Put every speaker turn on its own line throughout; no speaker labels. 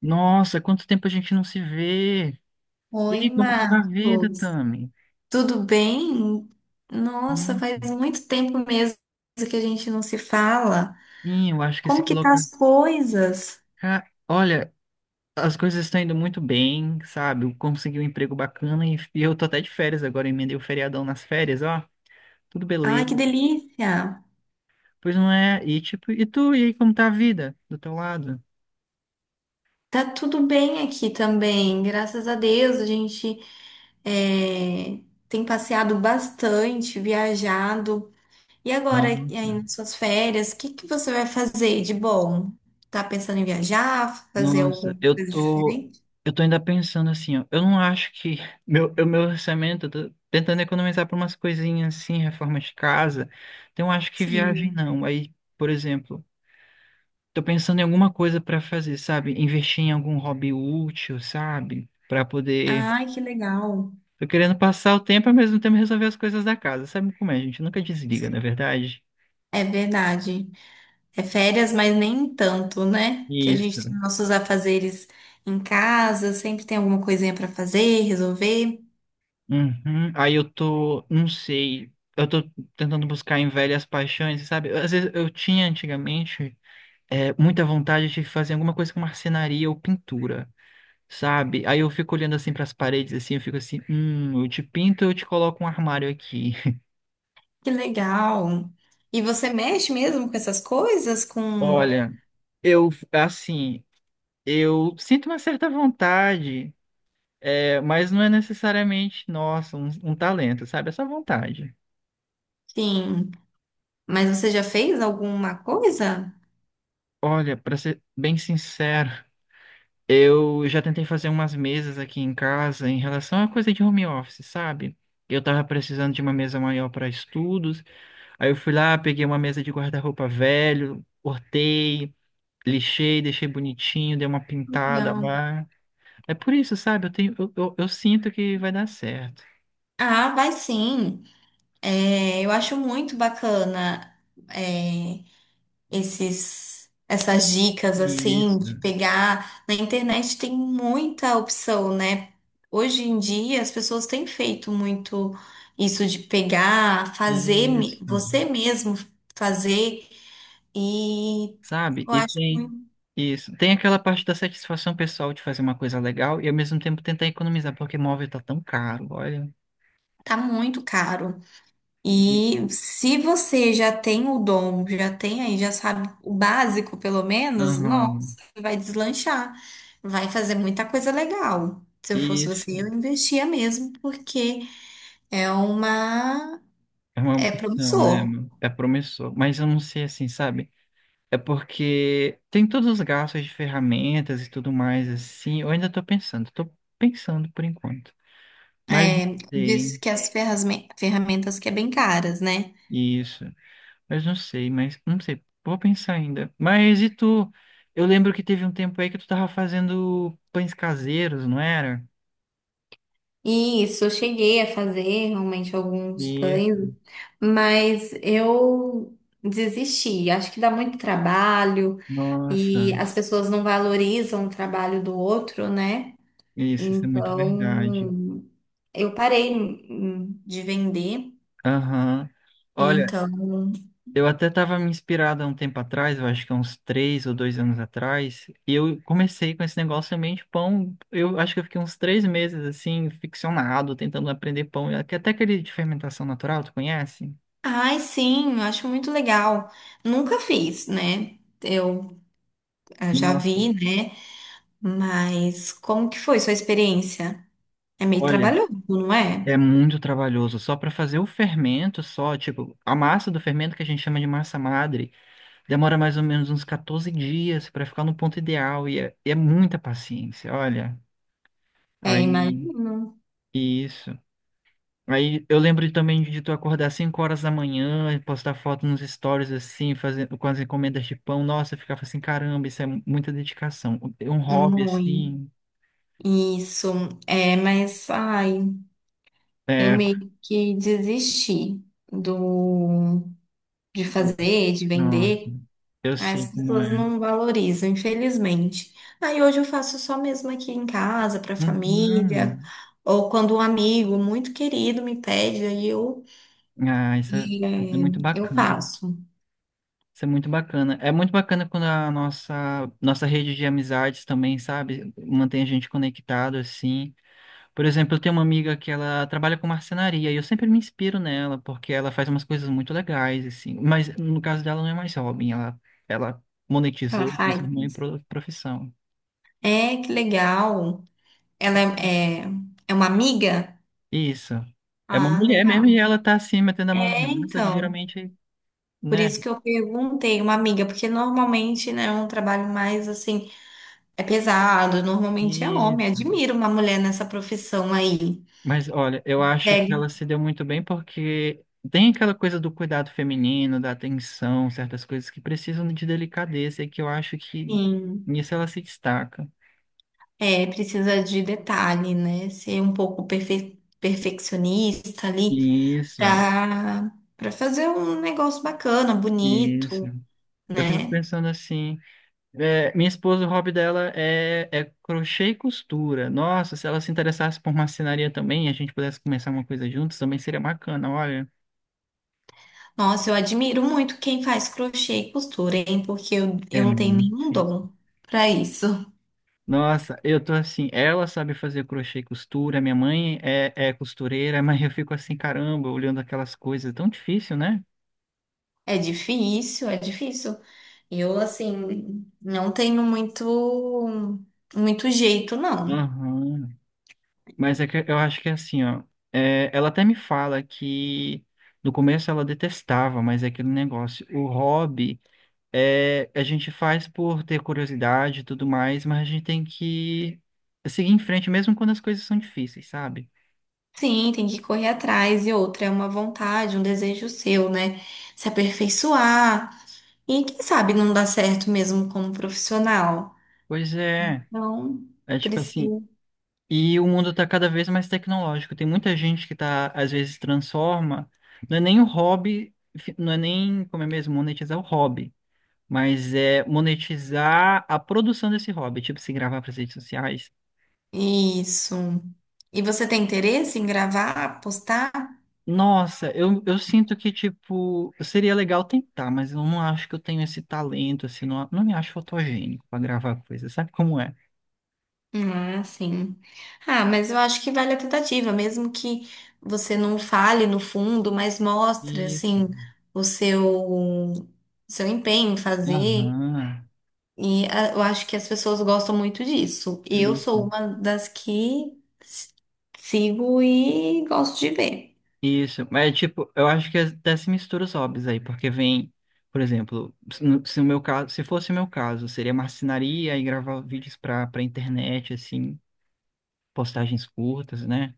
Nossa, quanto tempo a gente não se vê. E
Oi,
aí, como que tá a vida,
Marcos.
Tami?
Tudo bem? Nossa,
Hum,
faz muito tempo mesmo que a gente não se fala.
Sim, eu acho que se
Como que tá
coloca.
as coisas?
Olha, as coisas estão indo muito bem, sabe? Eu consegui um emprego bacana e eu tô até de férias agora, emendei o feriadão nas férias, ó. Tudo
Ai,
beleza.
que delícia!
Pois não é? E tipo, e tu, e aí, como tá a vida do teu lado?
Tá tudo bem aqui também, graças a Deus. A gente é, tem passeado bastante, viajado. E agora, e aí
Nossa.
nas suas férias, o que que você vai fazer de bom? Tá pensando em viajar, fazer
Nossa,
alguma
eu
coisa
tô,
diferente?
eu tô ainda pensando assim, ó. Eu não acho que o meu orçamento, eu tô tentando economizar pra umas coisinhas assim, reforma de casa. Então eu acho que viagem
Sim.
não. Aí, por exemplo, tô pensando em alguma coisa pra fazer, sabe? Investir em algum hobby útil, sabe? Pra poder,
Ai, que legal.
tô querendo passar o tempo ao mesmo tempo resolver as coisas da casa. Sabe como é, gente? Nunca desliga, não é verdade?
É verdade. É férias, mas nem tanto, né? Que a
Isso.
gente tem nossos afazeres em casa, sempre tem alguma coisinha para fazer, resolver.
Uhum. Aí eu tô, não sei, eu tô tentando buscar em velhas paixões, sabe? Às vezes eu tinha antigamente muita vontade de fazer alguma coisa com marcenaria ou pintura, sabe? Aí eu fico olhando assim para as paredes, assim, eu fico assim, eu te pinto, eu te coloco um armário aqui.
Que legal. E você mexe mesmo com essas coisas, com,
Olha, eu, assim, eu sinto uma certa vontade, mas não é necessariamente, nossa, um talento, sabe? É só vontade.
sim. Mas você já fez alguma coisa?
Olha, para ser bem sincero. Eu já tentei fazer umas mesas aqui em casa em relação a coisa de home office, sabe? Eu tava precisando de uma mesa maior para estudos, aí eu fui lá, peguei uma mesa de guarda-roupa velho, cortei, lixei, deixei bonitinho, dei uma pintada
Legal.
lá. É por isso, sabe? Eu tenho, eu sinto que vai dar certo.
Ah, vai sim. É, eu acho muito bacana. é, esses essas dicas assim
Isso,
de pegar na internet tem muita opção, né? Hoje em dia as pessoas têm feito muito isso de pegar,
isso.
você mesmo fazer e
Sabe?
eu
E
acho
tem
muito,
isso. Tem aquela parte da satisfação pessoal de fazer uma coisa legal e ao mesmo tempo tentar economizar, porque móvel tá tão caro, olha.
tá muito caro. E se você já tem o dom, já tem aí, já sabe o básico, pelo menos,
Aham,
nossa, vai deslanchar, vai fazer muita coisa legal. Se eu fosse
isso
você, eu investia mesmo, porque é uma,
é uma
é
opção, né?
promissor.
Meu? É promissor. Mas eu não sei assim, sabe? É porque tem todos os gastos de ferramentas e tudo mais, assim. Eu ainda tô pensando por enquanto. Mas não
É, diz
sei,
que as ferramentas que é bem caras, né?
isso. Mas não sei, mas não sei. Vou pensar ainda. Mas e tu? Eu lembro que teve um tempo aí que tu tava fazendo pães caseiros, não era?
Isso, eu cheguei a fazer realmente alguns
Isso.
pães, mas eu desisti. Acho que dá muito trabalho e
Nossa,
as pessoas não valorizam o trabalho do outro, né?
isso é muito verdade.
Então, eu parei de vender.
Aham. Olha.
Então,
Eu até estava me inspirado há um tempo atrás, eu acho que há uns 3 ou 2 anos atrás, e eu comecei com esse negócio também de pão. Eu acho que eu fiquei uns 3 meses assim, ficcionado, tentando aprender pão. Até aquele de fermentação natural, tu conhece?
ai, sim, eu acho muito legal. Nunca fiz, né? Eu já
Nossa,
vi, né? Mas como que foi sua experiência? É meio
olha,
trabalhoso, não
é
é?
muito trabalhoso. Só para fazer o fermento, só, tipo, a massa do fermento que a gente chama de massa madre, demora mais ou menos uns 14 dias para ficar no ponto ideal, e é muita paciência, olha.
É,
Aí,
imagino.
isso. Aí eu lembro também de tu acordar 5 horas da manhã e postar foto nos stories assim, fazendo com as encomendas de pão. Nossa, eu ficava assim, caramba, isso é muita dedicação. É um hobby
Muito.
assim,
Isso. É, mas, ai, eu
é,
meio que desisti do, de fazer, de
nossa,
vender.
eu sei
As
como
pessoas
é.
não valorizam, infelizmente. Aí hoje eu faço só mesmo aqui em casa, para a família,
Uhum.
ou quando um amigo muito querido me pede, aí eu,
Ah, isso é,
e,
isso é
é,
muito
eu
bacana.
faço.
Isso é muito bacana. É muito bacana quando a nossa rede de amizades também, sabe, mantém a gente conectado assim. Por exemplo, eu tenho uma amiga que ela trabalha com marcenaria e eu sempre me inspiro nela porque ela faz umas coisas muito legais, assim. Mas no caso dela não é mais hobby, ela
Ela
monetizou,
faz.
transformou em profissão.
É, que legal. Ela é, é, é uma amiga?
Isso. É uma
Ah,
mulher mesmo e
legal.
ela tá assim metendo a mão na
É,
massa, que
então.
geralmente,
Por
né?
isso que eu perguntei uma amiga, porque normalmente, né, é um trabalho mais assim, é pesado, normalmente é homem.
Isso.
Admiro uma mulher nessa profissão aí.
Mas olha, eu acho que
Pega,
ela se deu muito bem porque tem aquela coisa do cuidado feminino, da atenção, certas coisas que precisam de delicadeza e que eu acho que
sim,
nisso ela se destaca.
é, precisa de detalhe, né? Ser um pouco perfeccionista ali
Isso.
pra, pra fazer um negócio bacana,
Isso.
bonito,
Eu fico
né?
pensando assim, minha esposa, o hobby dela é crochê e costura. Nossa, se ela se interessasse por marcenaria também, e a gente pudesse começar uma coisa juntos, também seria bacana, olha.
Nossa, eu admiro muito quem faz crochê e costura, hein? Porque
É
eu não tenho
muito
nenhum
difícil.
dom pra isso.
Nossa, eu tô assim, ela sabe fazer crochê e costura, minha mãe é costureira, mas eu fico assim, caramba, olhando aquelas coisas, é tão difícil, né?
É difícil, é difícil. Eu, assim, não tenho muito jeito, não.
Aham. Mas é que eu acho que é assim, ó. É, ela até me fala que no começo ela detestava, mas é aquele negócio. O hobby é, a gente faz por ter curiosidade e tudo mais, mas a gente tem que seguir em frente mesmo quando as coisas são difíceis, sabe?
Sim, tem que correr atrás e outra é uma vontade, um desejo seu, né? Se aperfeiçoar e quem sabe não dá certo mesmo como profissional.
Pois é,
Então,
é tipo assim.
precisa.
E o mundo tá cada vez mais tecnológico. Tem muita gente que tá, às vezes, transforma. Não é nem o hobby, não é nem, como é mesmo, monetizar o hobby. Mas é monetizar a produção desse hobby, tipo, se gravar para as redes sociais.
Isso. E você tem interesse em gravar, postar?
Nossa, eu sinto que, tipo, seria legal tentar, mas eu não acho que eu tenho esse talento, assim, não, não me acho fotogênico para gravar coisa, sabe como é?
Ah, sim. Ah, mas eu acho que vale a tentativa, mesmo que você não fale no fundo, mas mostre,
Isso.
assim, o seu, seu empenho em fazer.
Aham.
E ah, eu acho que as pessoas gostam muito disso. Eu sou
Isso.
uma das que s- sigo e gosto de ver.
Isso. Mas, tipo, eu acho que até se mistura os hobbies aí, porque vem, por exemplo, se o meu caso, se fosse o meu caso, seria marcenaria e gravar vídeos para internet, assim, postagens curtas, né?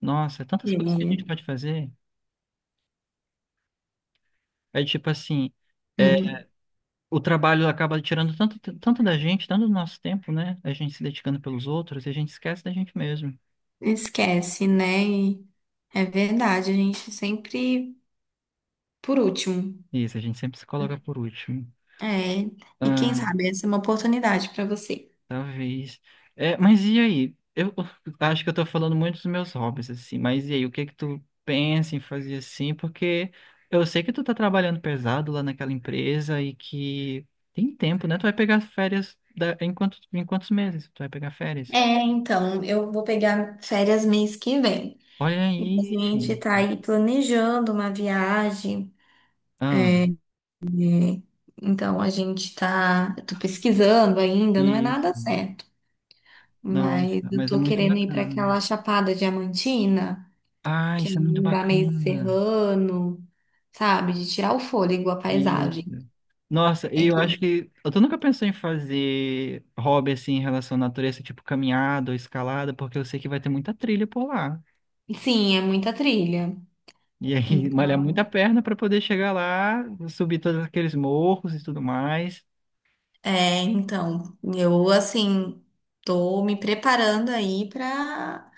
Nossa, tantas coisas que a gente
Sim.
pode fazer. É tipo assim, é,
Uhum.
o trabalho acaba tirando tanto, tanto da gente, tanto do nosso tempo, né? A gente se dedicando pelos outros e a gente esquece da gente mesmo.
Esquece, né? E é verdade, a gente sempre por último.
Isso, a gente sempre se coloca por último.
É, e quem
Ah,
sabe essa é uma oportunidade para você.
talvez. É, mas e aí? Eu acho que eu tô falando muito dos meus hobbies, assim, mas e aí, o que que tu pensa em fazer assim? Porque eu sei que tu tá trabalhando pesado lá naquela empresa e que tem tempo, né? Tu vai pegar férias da... em quantos meses? Tu vai pegar férias?
É, então, eu vou pegar férias mês que vem.
Olha
E a
aí,
gente
gente.
tá aí planejando uma viagem.
Ah,
Então, a gente tá. Eu tô pesquisando ainda, não é
isso.
nada certo. Mas
Nossa,
eu
mas é
tô
muito
querendo ir para
bacana.
aquela Chapada Diamantina,
Ah,
que é
isso é muito
um lugar meio
bacana.
serrano, sabe? De tirar o fôlego, a
Isso.
paisagem.
Nossa,
É
e eu
que,
acho que. Eu tô nunca pensei em fazer hobby assim em relação à natureza, tipo caminhada ou escalada, porque eu sei que vai ter muita trilha por lá.
sim, é muita trilha.
E aí, malhar
Então,
muita perna pra poder chegar lá, subir todos aqueles morros e tudo mais.
é, então, eu assim tô me preparando aí para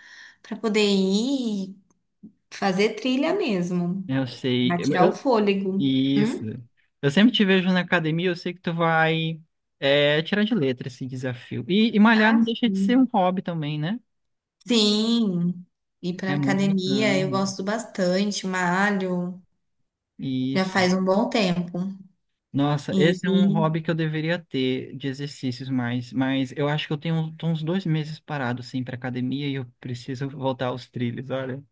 para poder ir fazer trilha mesmo,
Eu sei.
pra tirar o
Eu,
fôlego.
isso.
Hum?
Eu sempre te vejo na academia, eu sei que tu vai tirar de letra esse desafio. E malhar não
Ah,
deixa de ser um
sim.
hobby também, né?
Sim, ir para
É muito
academia eu
bacana.
gosto bastante, malho, já
Isso.
faz um bom tempo.
Nossa, esse é um hobby
E
que eu deveria ter de exercícios mais, mas eu acho que eu tenho tô uns 2 meses parado assim para academia e eu preciso voltar aos trilhos, olha.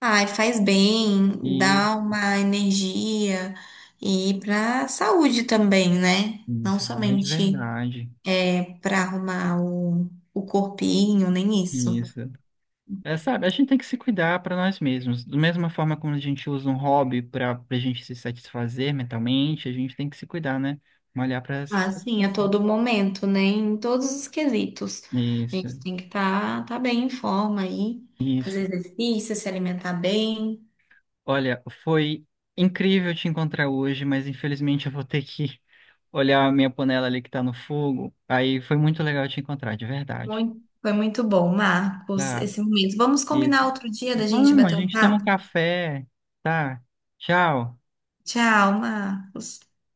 ai, faz bem,
E
dá uma energia e para saúde também, né? Não
isso, grande
somente
verdade.
é, para arrumar o corpinho, nem isso.
Isso. É, sabe, a gente tem que se cuidar para nós mesmos. Da mesma forma como a gente usa um hobby para a gente se satisfazer mentalmente, a gente tem que se cuidar, né? Malhar para se
Assim, a
satisfazer.
todo momento, né? Em todos os quesitos. A
Isso,
gente tem que tá bem em forma aí, fazer
isso.
exercício, se alimentar bem.
Olha, foi incrível te encontrar hoje, mas infelizmente eu vou ter que olhar a minha panela ali que tá no fogo. Aí foi muito legal te encontrar, de verdade.
Muito, foi muito bom, Marcos,
Tá,
esse momento. Vamos combinar
isso.
outro dia da gente
Vamos, a
bater um
gente toma um
papo?
café. Tá, tchau.
Tchau, Marcos.